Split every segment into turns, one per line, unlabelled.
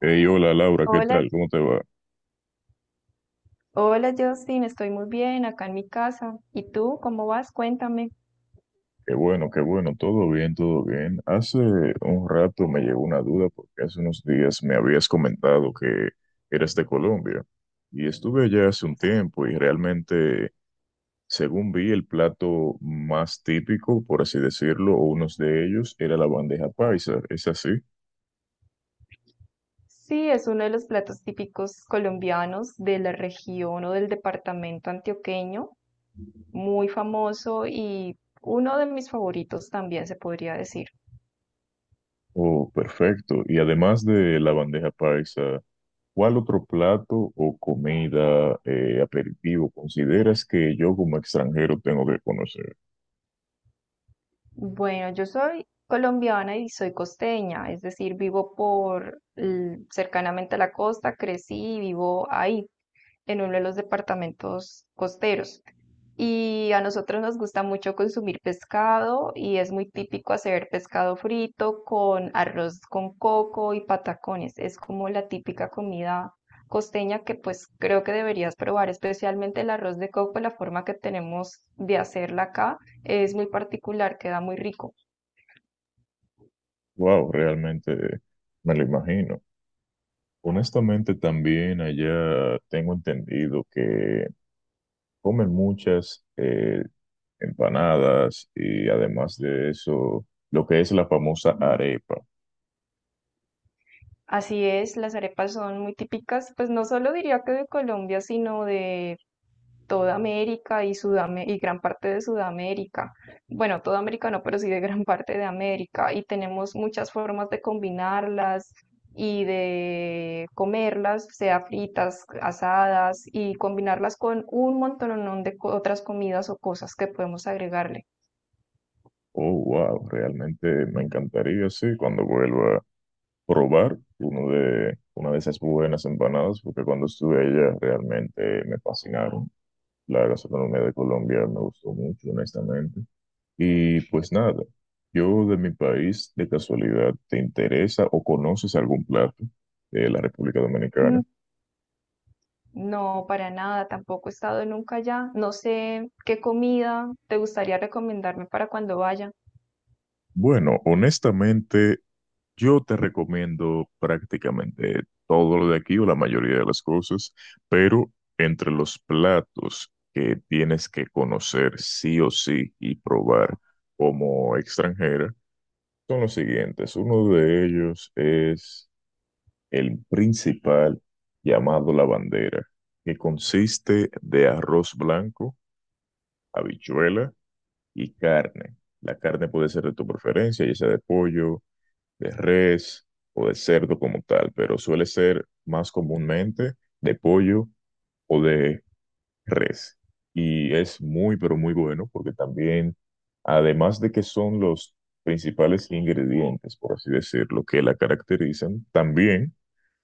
Hey, hola Laura, ¿qué
Hola,
tal? ¿Cómo te va?
hola Justin, estoy muy bien acá en mi casa. ¿Y tú cómo vas? Cuéntame.
Qué bueno, todo bien, todo bien. Hace un rato me llegó una duda porque hace unos días me habías comentado que eras de Colombia y estuve allá hace un tiempo y realmente, según vi, el plato más típico, por así decirlo, o unos de ellos, era la bandeja paisa, ¿es así?
Sí, es uno de los platos típicos colombianos de la región o del departamento antioqueño, muy famoso y uno de mis favoritos también se podría decir.
Oh, perfecto. Y además de la bandeja paisa, ¿cuál otro plato o comida, aperitivo consideras que yo como extranjero tengo que conocer?
Bueno, yo soy colombiana y soy costeña, es decir, vivo cercanamente a la costa, crecí y vivo ahí en uno de los departamentos costeros. Y a nosotros nos gusta mucho consumir pescado y es muy típico hacer pescado frito con arroz con coco y patacones. Es como la típica comida costeña que pues creo que deberías probar, especialmente el arroz de coco, la forma que tenemos de hacerla acá es muy particular, queda muy rico.
Wow, realmente me lo imagino. Honestamente, también allá tengo entendido que comen muchas empanadas y además de eso, lo que es la famosa arepa.
Así es, las arepas son muy típicas, pues no solo diría que de Colombia, sino de toda América y, Sudam y gran parte de Sudamérica. Bueno, toda América no, pero sí de gran parte de América. Y tenemos muchas formas de combinarlas y de comerlas, sea fritas, asadas, y combinarlas con un montón de otras comidas o cosas que podemos agregarle.
Oh, wow, realmente me encantaría, sí, cuando vuelva probar una de esas buenas empanadas, porque cuando estuve allá realmente me fascinaron. La gastronomía de Colombia me gustó mucho, honestamente. Y pues nada, yo de mi país, de casualidad, ¿te interesa o conoces algún plato de la República
Mm,
Dominicana?
no, para nada, tampoco he estado nunca allá. No sé qué comida te gustaría recomendarme para cuando vaya.
Bueno, honestamente, yo te recomiendo prácticamente todo lo de aquí o la mayoría de las cosas, pero entre los platos que tienes que conocer sí o sí y probar como extranjera son los siguientes. Uno de ellos es el principal, llamado la bandera, que consiste de arroz blanco, habichuela y carne. La carne puede ser de tu preferencia, ya sea de pollo, de res o de cerdo como tal, pero suele ser más comúnmente de pollo o de res. Y es muy, pero muy bueno porque también, además de que son los principales ingredientes, por así decirlo, que la caracterizan, también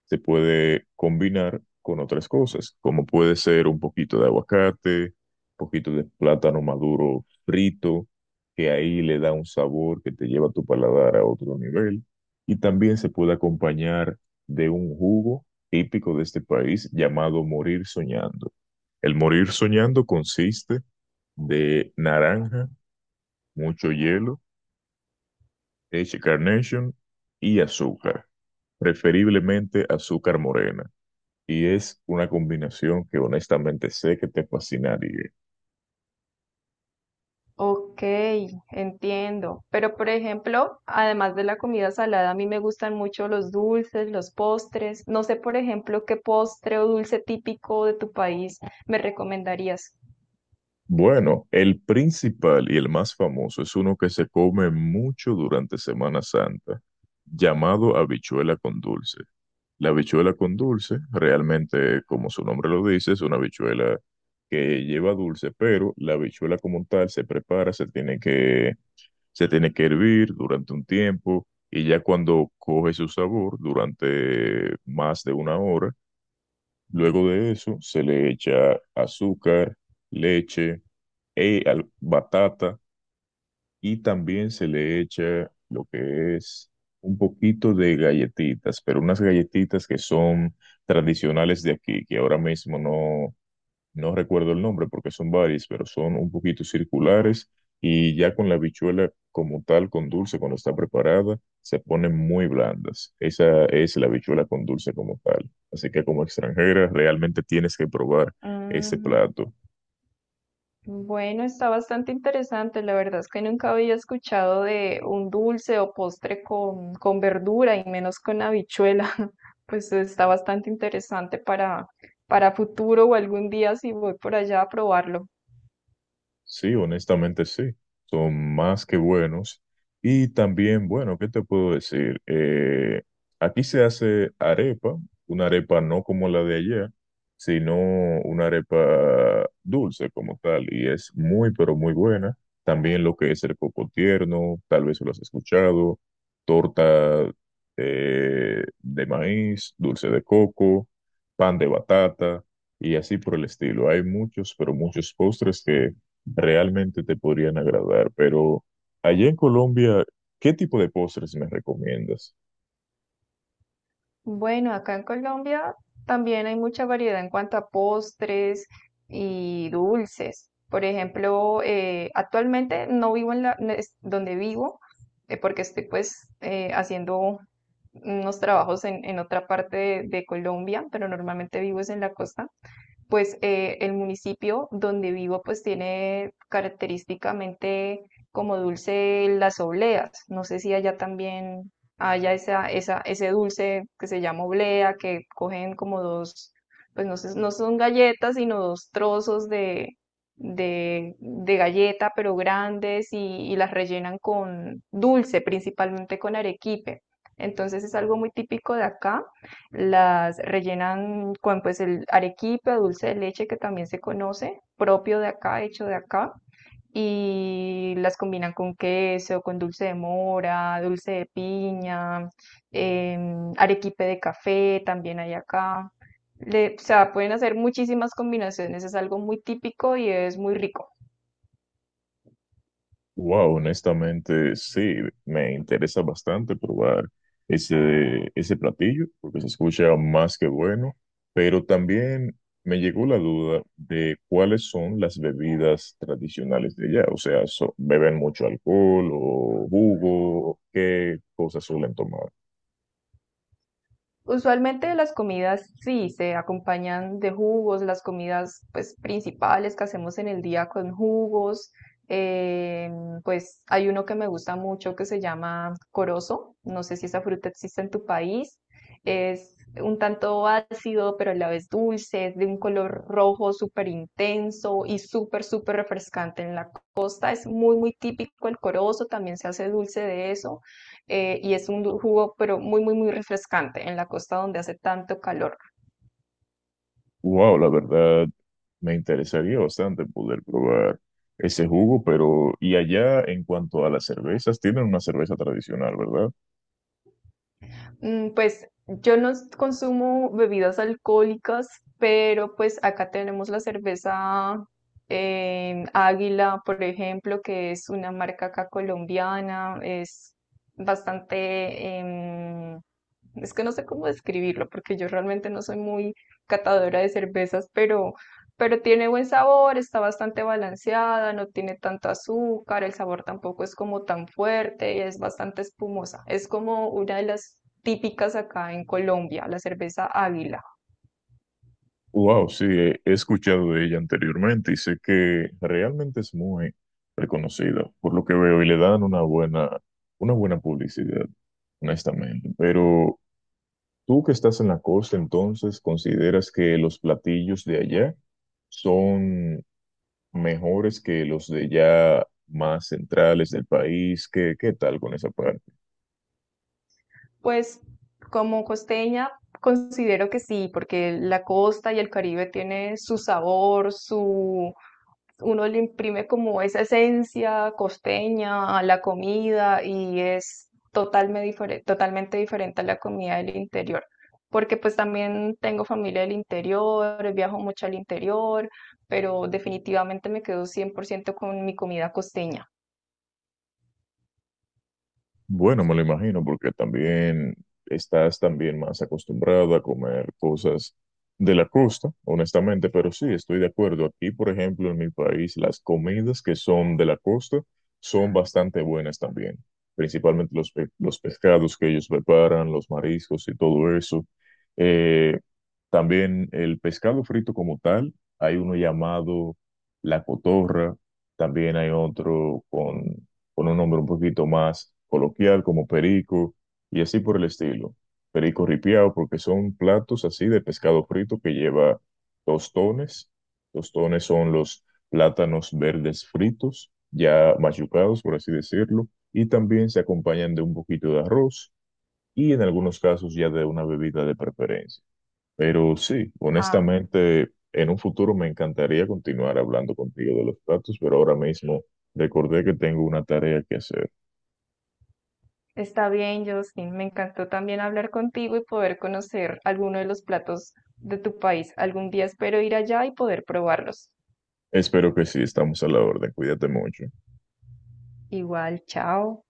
se puede combinar con otras cosas, como puede ser un poquito de aguacate, un poquito de plátano maduro frito, que ahí le da un sabor que te lleva tu paladar a otro nivel. Y también se puede acompañar de un jugo típico de este país llamado morir soñando. El morir soñando consiste de naranja, mucho hielo, leche Carnation y azúcar, preferiblemente azúcar morena, y es una combinación que honestamente sé que te fascinaría.
Ok, entiendo. Pero por ejemplo, además de la comida salada, a mí me gustan mucho los dulces, los postres. No sé, por ejemplo, qué postre o dulce típico de tu país me recomendarías.
Bueno, el principal y el más famoso es uno que se come mucho durante Semana Santa, llamado habichuela con dulce. La habichuela con dulce, realmente, como su nombre lo dice, es una habichuela que lleva dulce, pero la habichuela como tal se prepara, se tiene que hervir durante un tiempo y ya cuando coge su sabor, durante más de una hora. Luego de eso, se le echa azúcar, leche, batata y también se le echa lo que es un poquito de galletitas, pero unas galletitas que son tradicionales de aquí, que ahora mismo no, no recuerdo el nombre porque son varios, pero son un poquito circulares, y ya con la habichuela como tal, con dulce, cuando está preparada, se ponen muy blandas. Esa es la habichuela con dulce como tal. Así que como extranjera, realmente tienes que probar ese
Mm,
plato.
bueno, está bastante interesante. La verdad es que nunca había escuchado de un dulce o postre con verdura y menos con habichuela. Pues está bastante interesante para futuro o algún día si voy por allá a probarlo.
Sí, honestamente sí, son más que buenos. Y también, bueno, ¿qué te puedo decir? Aquí se hace arepa, una arepa no como la de allá, sino una arepa dulce como tal, y es muy, pero muy buena. También lo que es el coco tierno, tal vez lo has escuchado, torta de maíz, dulce de coco, pan de batata y así por el estilo. Hay muchos, pero muchos postres que realmente te podrían agradar, pero allá en Colombia, ¿qué tipo de postres me recomiendas?
Bueno, acá en Colombia también hay mucha variedad en cuanto a postres y dulces. Por ejemplo, actualmente no es donde vivo, porque estoy pues haciendo unos trabajos en otra parte de Colombia, pero normalmente vivo es en la costa, pues el municipio donde vivo pues tiene característicamente como dulce las obleas. No sé si allá también haya ese dulce que se llama oblea, que cogen como dos, pues no sé, no son galletas, sino dos trozos de galleta, pero grandes, y las rellenan con dulce, principalmente con arequipe. Entonces es algo muy típico de acá, las rellenan con pues el arequipe, dulce de leche que también se conoce, propio de acá, hecho de acá, y las combinan con queso, con dulce de mora, dulce de piña, arequipe de café también hay acá. O sea, pueden hacer muchísimas combinaciones, es algo muy típico y es muy rico.
Wow, honestamente, sí, me interesa bastante probar ese platillo, porque se escucha más que bueno, pero también me llegó la duda de cuáles son las bebidas tradicionales de allá, o sea, ¿beben mucho alcohol o jugo? ¿Qué cosas suelen tomar?
Usualmente las comidas sí se acompañan de jugos, las comidas pues principales que hacemos en el día con jugos. eh, pues hay uno que me gusta mucho que se llama corozo. No sé si esa fruta existe en tu país. Es un tanto ácido, pero a la vez dulce, es de un color rojo súper intenso y súper, súper refrescante en la costa. Es muy, muy típico el corozo, también se hace dulce de eso, y es un jugo pero muy, muy, muy refrescante en la costa donde hace tanto calor.
Wow, la verdad me interesaría bastante poder probar ese jugo, pero y allá en cuanto a las cervezas, tienen una cerveza tradicional, ¿verdad?
Mm, pues yo no s- consumo bebidas alcohólicas, pero pues acá tenemos la cerveza Águila, por ejemplo, que es una marca acá colombiana, es bastante, es que no sé cómo describirlo, porque yo realmente no soy muy catadora de cervezas, pero tiene buen sabor, está bastante balanceada, no tiene tanto azúcar, el sabor tampoco es como tan fuerte, es bastante espumosa. Es como una de las típicas acá en Colombia, la cerveza Águila.
Wow, sí, he escuchado de ella anteriormente y sé que realmente es muy reconocida, por lo que veo, y le dan una buena publicidad, honestamente. Pero tú que estás en la costa, entonces, ¿consideras que los platillos de allá son mejores que los de ya más centrales del país? ¿Qué, qué tal con esa parte?
Pues como costeña considero que sí, porque la costa y el Caribe tiene su sabor, su uno le imprime como esa esencia costeña a la comida y es totalmente diferente a la comida del interior, porque pues también tengo familia del interior, viajo mucho al interior, pero definitivamente me quedo 100% con mi comida costeña.
Bueno, me lo imagino, porque también estás también más acostumbrado a comer cosas de la costa, honestamente, pero sí, estoy de acuerdo. Aquí, por ejemplo, en mi país, las comidas que son de la costa son bastante buenas también, principalmente los, los pescados que ellos preparan, los mariscos y todo eso. Eh, También el pescado frito como tal, hay uno llamado la cotorra, también hay otro con un nombre un poquito más coloquial como perico y así por el estilo. Perico ripiao, porque son platos así de pescado frito que lleva tostones. Tostones son los plátanos verdes fritos, ya machucados por así decirlo, y también se acompañan de un poquito de arroz y en algunos casos ya de una bebida de preferencia. Pero sí,
Ah,
honestamente, en un futuro me encantaría continuar hablando contigo de los platos, pero ahora mismo recordé que tengo una tarea que hacer.
está bien, Justin. Me encantó también hablar contigo y poder conocer alguno de los platos de tu país. Algún día espero ir allá y poder probarlos.
Espero que sí, estamos a la orden. Cuídate mucho.
Igual, chao.